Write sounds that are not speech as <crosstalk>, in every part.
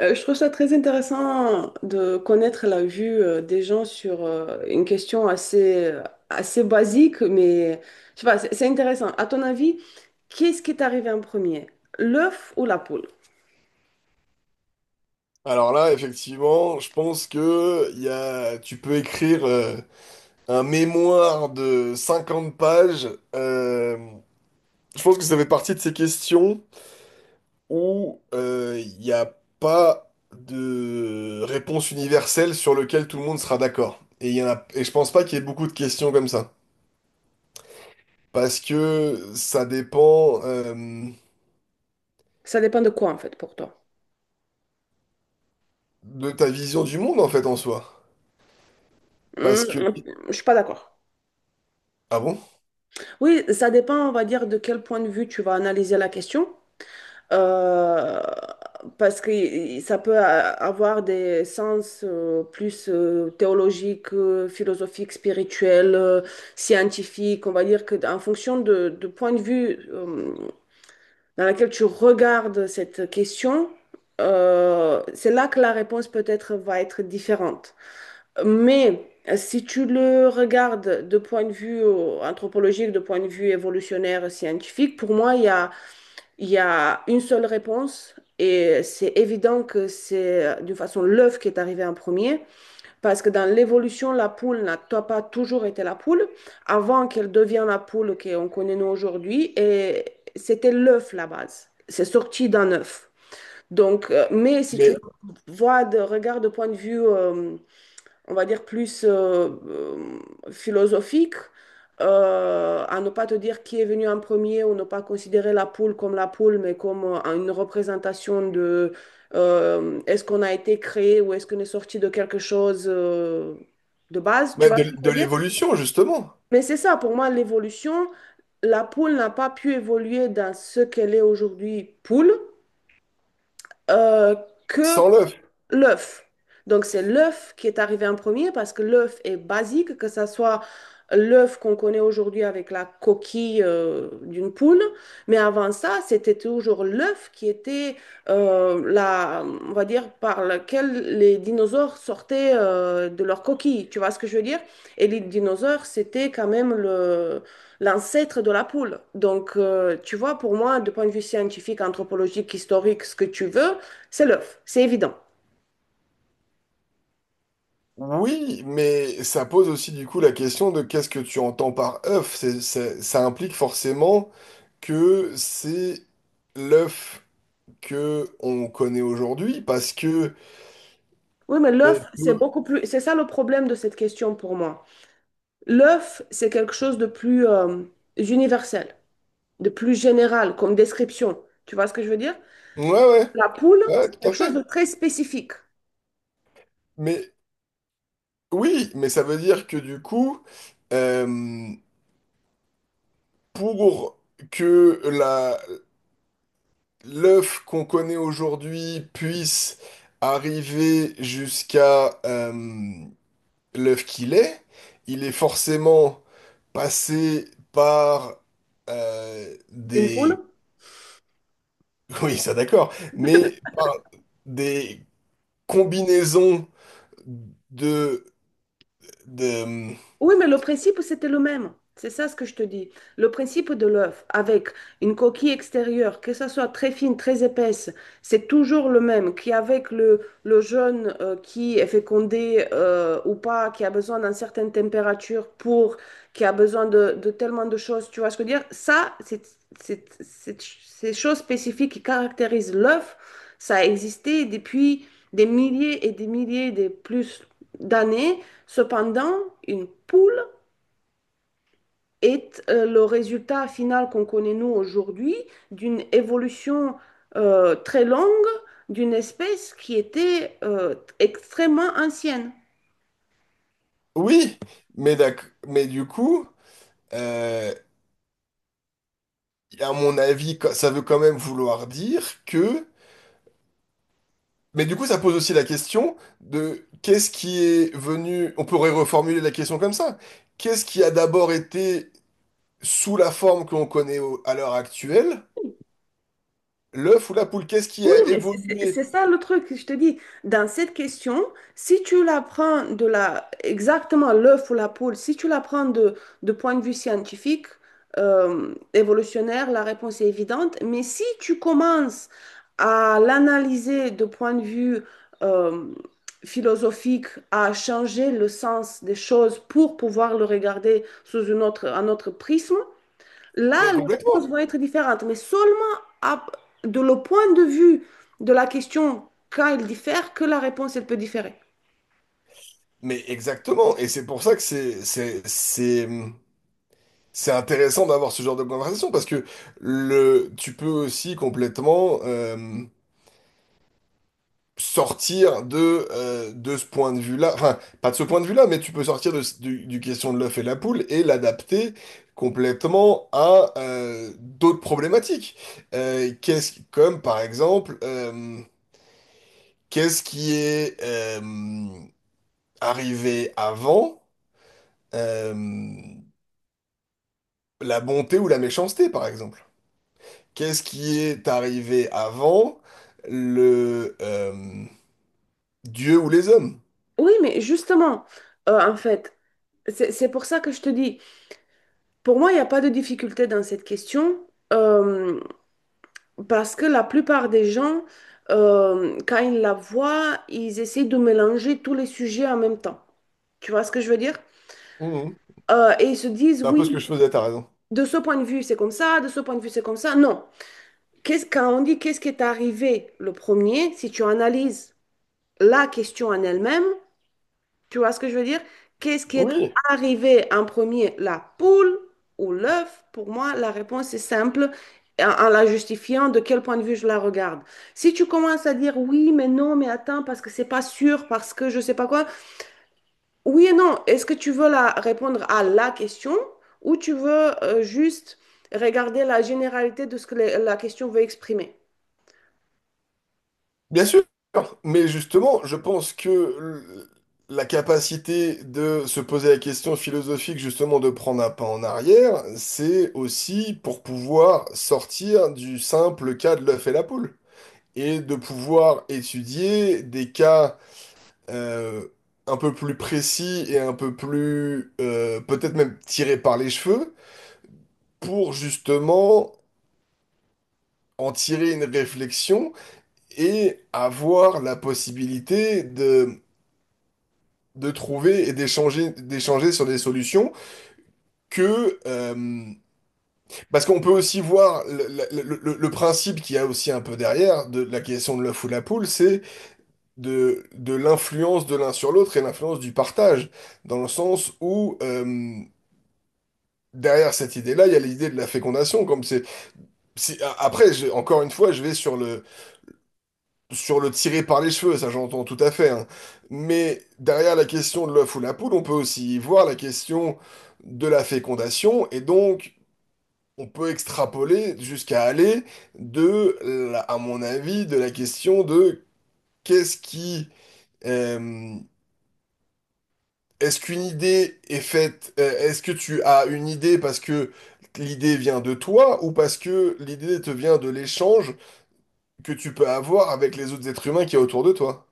Je trouve ça très intéressant de connaître la vue des gens sur une question assez basique, mais je sais pas, c'est intéressant. À ton avis, qu'est-ce qui est arrivé en premier? L'œuf ou la poule? Alors là, effectivement, je pense que il y a, tu peux écrire un mémoire de 50 pages. Euh, je pense que ça fait partie de ces questions où il n'y a pas de réponse universelle sur lequel tout le monde sera d'accord. Et, il y en a, et je pense pas qu'il y ait beaucoup de questions comme ça. Parce que ça dépend Ça dépend de quoi en fait pour toi. de ta vision du monde, en fait, en soi. Parce Hum, que... hum, je suis pas d'accord. Ah bon? Oui, ça dépend, on va dire, de quel point de vue tu vas analyser la question. Euh, Parce que ça peut avoir des sens plus théologiques, philosophiques, spirituels, scientifiques. On va dire que en fonction de point de vue dans lequel tu regardes cette question, c'est là que la réponse peut-être va être différente. Mais si tu le regardes de point de vue anthropologique, de point de vue évolutionnaire, scientifique, pour moi, il y a une seule réponse et c'est évident que c'est d'une façon l'œuf qui est arrivé en premier parce que dans l'évolution, la poule n'a pas toujours été la poule avant qu'elle devienne la poule qu'on connaît nous aujourd'hui et c'était l'œuf la base. C'est sorti d'un œuf. Donc, mais si tu Mais, vois de regarde de point de vue on va dire, plus philosophique, à ne pas te dire qui est venu en premier ou ne pas considérer la poule comme la poule, mais comme une représentation de est-ce qu'on a été créé ou est-ce qu'on est sorti de quelque chose de base, tu mais vois ce de que je veux dire? l'évolution, justement. Mais c'est ça, pour moi, l'évolution, la poule n'a pas pu évoluer dans ce qu'elle est aujourd'hui poule, euh, que Sans l'œuf. L'œuf. Donc c'est l'œuf qui est arrivé en premier parce que l'œuf est basique, que ce soit l'œuf qu'on connaît aujourd'hui avec la coquille d'une poule, mais avant ça, c'était toujours l'œuf qui était la, on va dire, par lequel les dinosaures sortaient de leur coquille. Tu vois ce que je veux dire? Et les dinosaures, c'était quand même le l'ancêtre de la poule. Donc tu vois, pour moi, de point de vue scientifique, anthropologique, historique, ce que tu veux, c'est l'œuf. C'est évident. Oui, mais ça pose aussi du coup la question de qu'est-ce que tu entends par œuf. Ça implique forcément que c'est l'œuf que on connaît aujourd'hui parce que Oui, mais on l'œuf, c'est peut. beaucoup plus. C'est ça le problème de cette question pour moi. L'œuf, c'est quelque chose de plus universel, de plus général comme description. Tu vois ce que je veux dire? Ouais, ouais, La poule, c'est ouais, tout à quelque chose de fait. très spécifique. Mais oui, mais ça veut dire que du coup, euh, pour que la l'œuf qu'on connaît aujourd'hui puisse arriver jusqu'à l'œuf qu'il est, il est forcément passé par Une poule? des... <laughs> Oui, ça d'accord, mais par des combinaisons de... de... Oui, mais le principe, c'était le même. C'est ça ce que je te dis. Le principe de l'œuf avec une coquille extérieure, que ça soit très fine, très épaisse, c'est toujours le même. Qu'avec le jeune qui est fécondé ou pas, qui a besoin d'une certaine température pour, qui a besoin de tellement de choses, tu vois ce que je veux dire? Ça, c'est- Ces choses spécifiques qui caractérisent l'œuf, ça a existé depuis des milliers et des milliers de plus d'années. Cependant, une poule est le résultat final qu'on connaît nous aujourd'hui d'une évolution très longue d'une espèce qui était extrêmement ancienne. Oui, mais, mais du coup, euh, à mon avis, ça veut quand même vouloir dire que... Mais du coup, ça pose aussi la question de qu'est-ce qui est venu... On pourrait reformuler la question comme ça. Qu'est-ce qui a d'abord été sous la forme qu'on connaît à l'heure actuelle, l'œuf ou la poule, qu'est-ce qui Oui, a mais évolué? c'est ça le truc que je te dis. Dans cette question, si tu la prends de la, exactement l'œuf ou la poule, si tu la prends de point de vue scientifique, évolutionnaire, la réponse est évidente. Mais si tu commences à l'analyser de point de vue euh, philosophique, à changer le sens des choses pour pouvoir le regarder sous une autre, un autre prisme, là, Mais les réponses complètement. vont être différentes, mais seulement à- de le point de vue de la question quand elle diffère que la réponse, elle peut différer. Mais exactement. Et c'est pour ça que c'est intéressant d'avoir ce genre de conversation parce que le, tu peux aussi complètement sortir de ce point de vue-là. Enfin, pas de ce point de vue-là, mais tu peux sortir de, du question de l'œuf et la poule et l'adapter complètement à d'autres problématiques. Comme par exemple. Qu'est-ce qui est arrivé avant euh, la bonté ou la méchanceté, par exemple? Qu'est-ce qui est arrivé avant le Dieu ou les hommes? Oui, mais justement, en fait, c'est pour ça que je te dis, pour moi, il n'y a pas de difficulté dans cette question, euh, parce que la plupart des gens, quand ils la voient, ils essayent de mélanger tous les sujets en même temps. Tu vois ce que je veux dire? Mhm. Et ils se disent, C'est un peu ce oui, que je faisais, t'as raison. de ce point de vue, c'est comme ça, de ce point de vue, c'est comme ça. Non. Qu'est-ce, quand on dit qu'est-ce qui est arrivé le premier, si tu analyses la question en elle-même, tu vois ce que je veux dire? Qu'est-ce qui est Oui, arrivé en premier, la poule ou l'œuf? Pour moi, la réponse est simple en, en la justifiant de quel point de vue je la regarde. Si tu commences à dire oui, mais non, mais attends, parce que c'est pas sûr, parce que je sais pas quoi, oui et non, est-ce que tu veux la, répondre à la question ou tu veux juste regarder la généralité de ce que la question veut exprimer? bien sûr. Mais justement, je pense que la capacité de se poser la question philosophique, justement, de prendre un pas en arrière, c'est aussi pour pouvoir sortir du simple cas de l'œuf et la poule. Et de pouvoir étudier des cas euh, un peu plus précis et un peu plus peut-être même tirés par les cheveux pour justement en tirer une réflexion et avoir la possibilité de trouver et d'échanger sur des solutions que parce qu'on peut aussi voir le, le principe qu'il y a aussi un peu derrière de la question de l'œuf ou la poule, c'est de l'influence de l'un sur l'autre et l'influence du partage, dans le sens où derrière cette idée-là, il y a l'idée de la fécondation, comme c'est, après, encore une fois, je vais sur le tirer par les cheveux, ça j'entends tout à fait, hein. Mais derrière la question de l'œuf ou la poule, on peut aussi y voir la question de la fécondation, et donc... On peut extrapoler jusqu'à aller de, à mon avis, de la question de qu'est-ce qui, euh, est-ce qu'une idée est faite, est-ce que tu as une idée parce que l'idée vient de toi ou parce que l'idée te vient de l'échange que tu peux avoir avec les autres êtres humains qui y a autour de toi?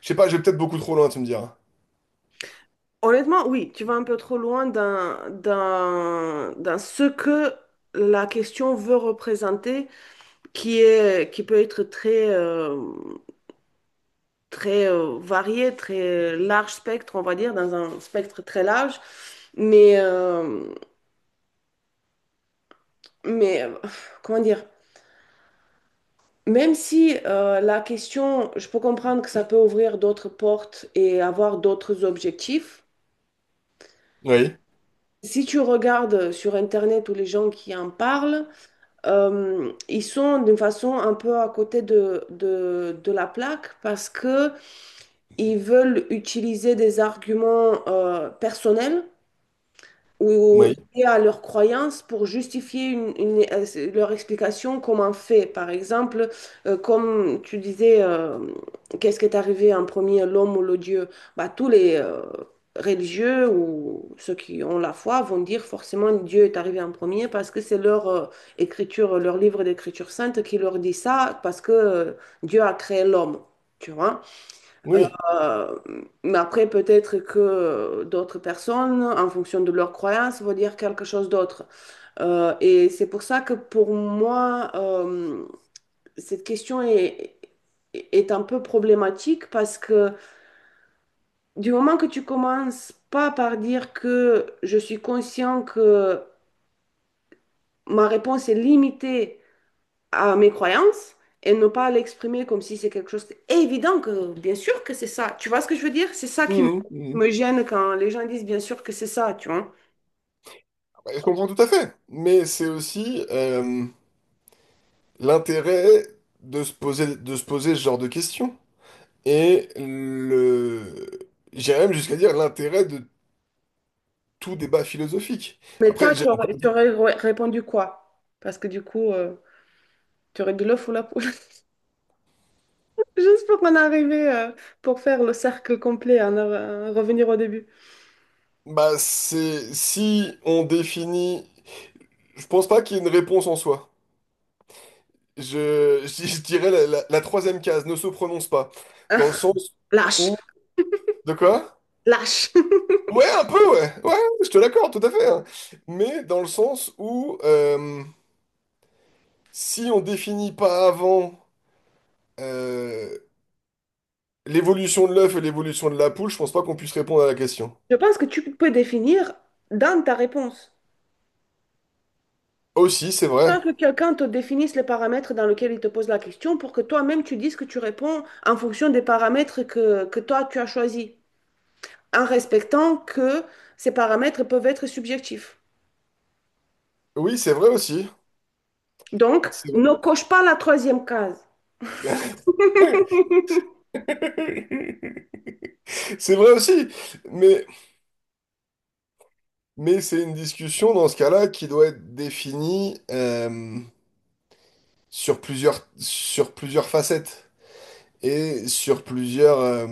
Je sais pas, je vais peut-être beaucoup trop loin, tu me diras. Honnêtement, oui, tu vas un peu trop loin dans, dans, dans ce que la question veut représenter, qui est, qui peut être très varié, très large spectre, on va dire, dans un spectre très large. Mais, euh, mais euh, Comment dire, même si la question, je peux comprendre que ça peut ouvrir d'autres portes et avoir d'autres objectifs, Oui, si tu regardes sur Internet tous les gens qui en parlent, ils sont d'une façon un peu à côté de la plaque parce que ils veulent utiliser des arguments personnels ou oui, liées à leurs croyances pour justifier leur explication comme un fait. Par exemple, comme tu disais, qu'est-ce qui est arrivé en premier, l'homme ou le Dieu? Bah, tous les religieux ou ceux qui ont la foi vont dire forcément Dieu est arrivé en premier parce que c'est leur écriture, leur livre d'écriture sainte qui leur dit ça parce que Dieu a créé l'homme. Tu vois? oui. Euh, mais après, peut-être que d'autres personnes, en fonction de leurs croyances, vont dire quelque chose d'autre. Et c'est pour ça que pour moi, cette question est un peu problématique parce que du moment que tu commences pas par dire que je suis conscient que ma réponse est limitée à mes croyances et ne pas l'exprimer comme si c'est quelque chose évident que bien sûr que c'est ça. Tu vois ce que je veux dire? C'est ça qui me Mhm, mhm. me gêne quand les gens disent bien sûr que c'est ça, tu vois. Bah, je comprends tout à fait, mais c'est aussi l'intérêt de se poser ce genre de questions et le, j'irais même jusqu'à dire l'intérêt de tout débat philosophique. Mais toi, Après, j'ai tu encore. aurais, tu aurais répondu quoi? Parce que du coup, tu aurais dit l'œuf ou la poule. <laughs> Juste pour qu'on arrive pour faire le cercle complet, en en revenir au début. Bah, c'est si on définit. Je pense pas qu'il y ait une réponse en soi. <laughs> Je dirais la, la troisième case ne se prononce pas. Dans le <laughs> sens Lâche, où. De quoi? lâche. Ouais, un peu, ouais. Ouais, je te l'accorde, tout à fait, hein. Mais dans le sens où si on définit pas avant euh, l'évolution de l'œuf et l'évolution de la poule, je pense pas qu'on puisse répondre à la question. Je pense que tu peux définir dans ta réponse. Aussi, c'est vrai. Faut que quelqu'un te définisse les paramètres dans lesquels il te pose la question pour que toi-même tu dises que tu réponds en fonction des paramètres que toi tu as choisis, en respectant que ces paramètres peuvent être subjectifs. Oui, c'est vrai aussi. Donc, C'est vrai. ne coche pas la troisième case. <laughs> C'est vrai aussi, mais. Mais c'est une discussion dans ce cas-là qui doit être définie sur plusieurs facettes et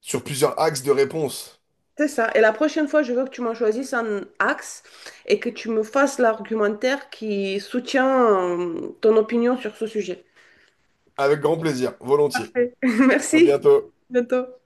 sur plusieurs axes de réponse. C'est ça. Et la prochaine fois, je veux que tu m'en choisisses un axe et que tu me fasses l'argumentaire qui soutient ton opinion sur ce sujet. Avec grand plaisir, volontiers. Parfait. <laughs> À Merci. bientôt. À bientôt.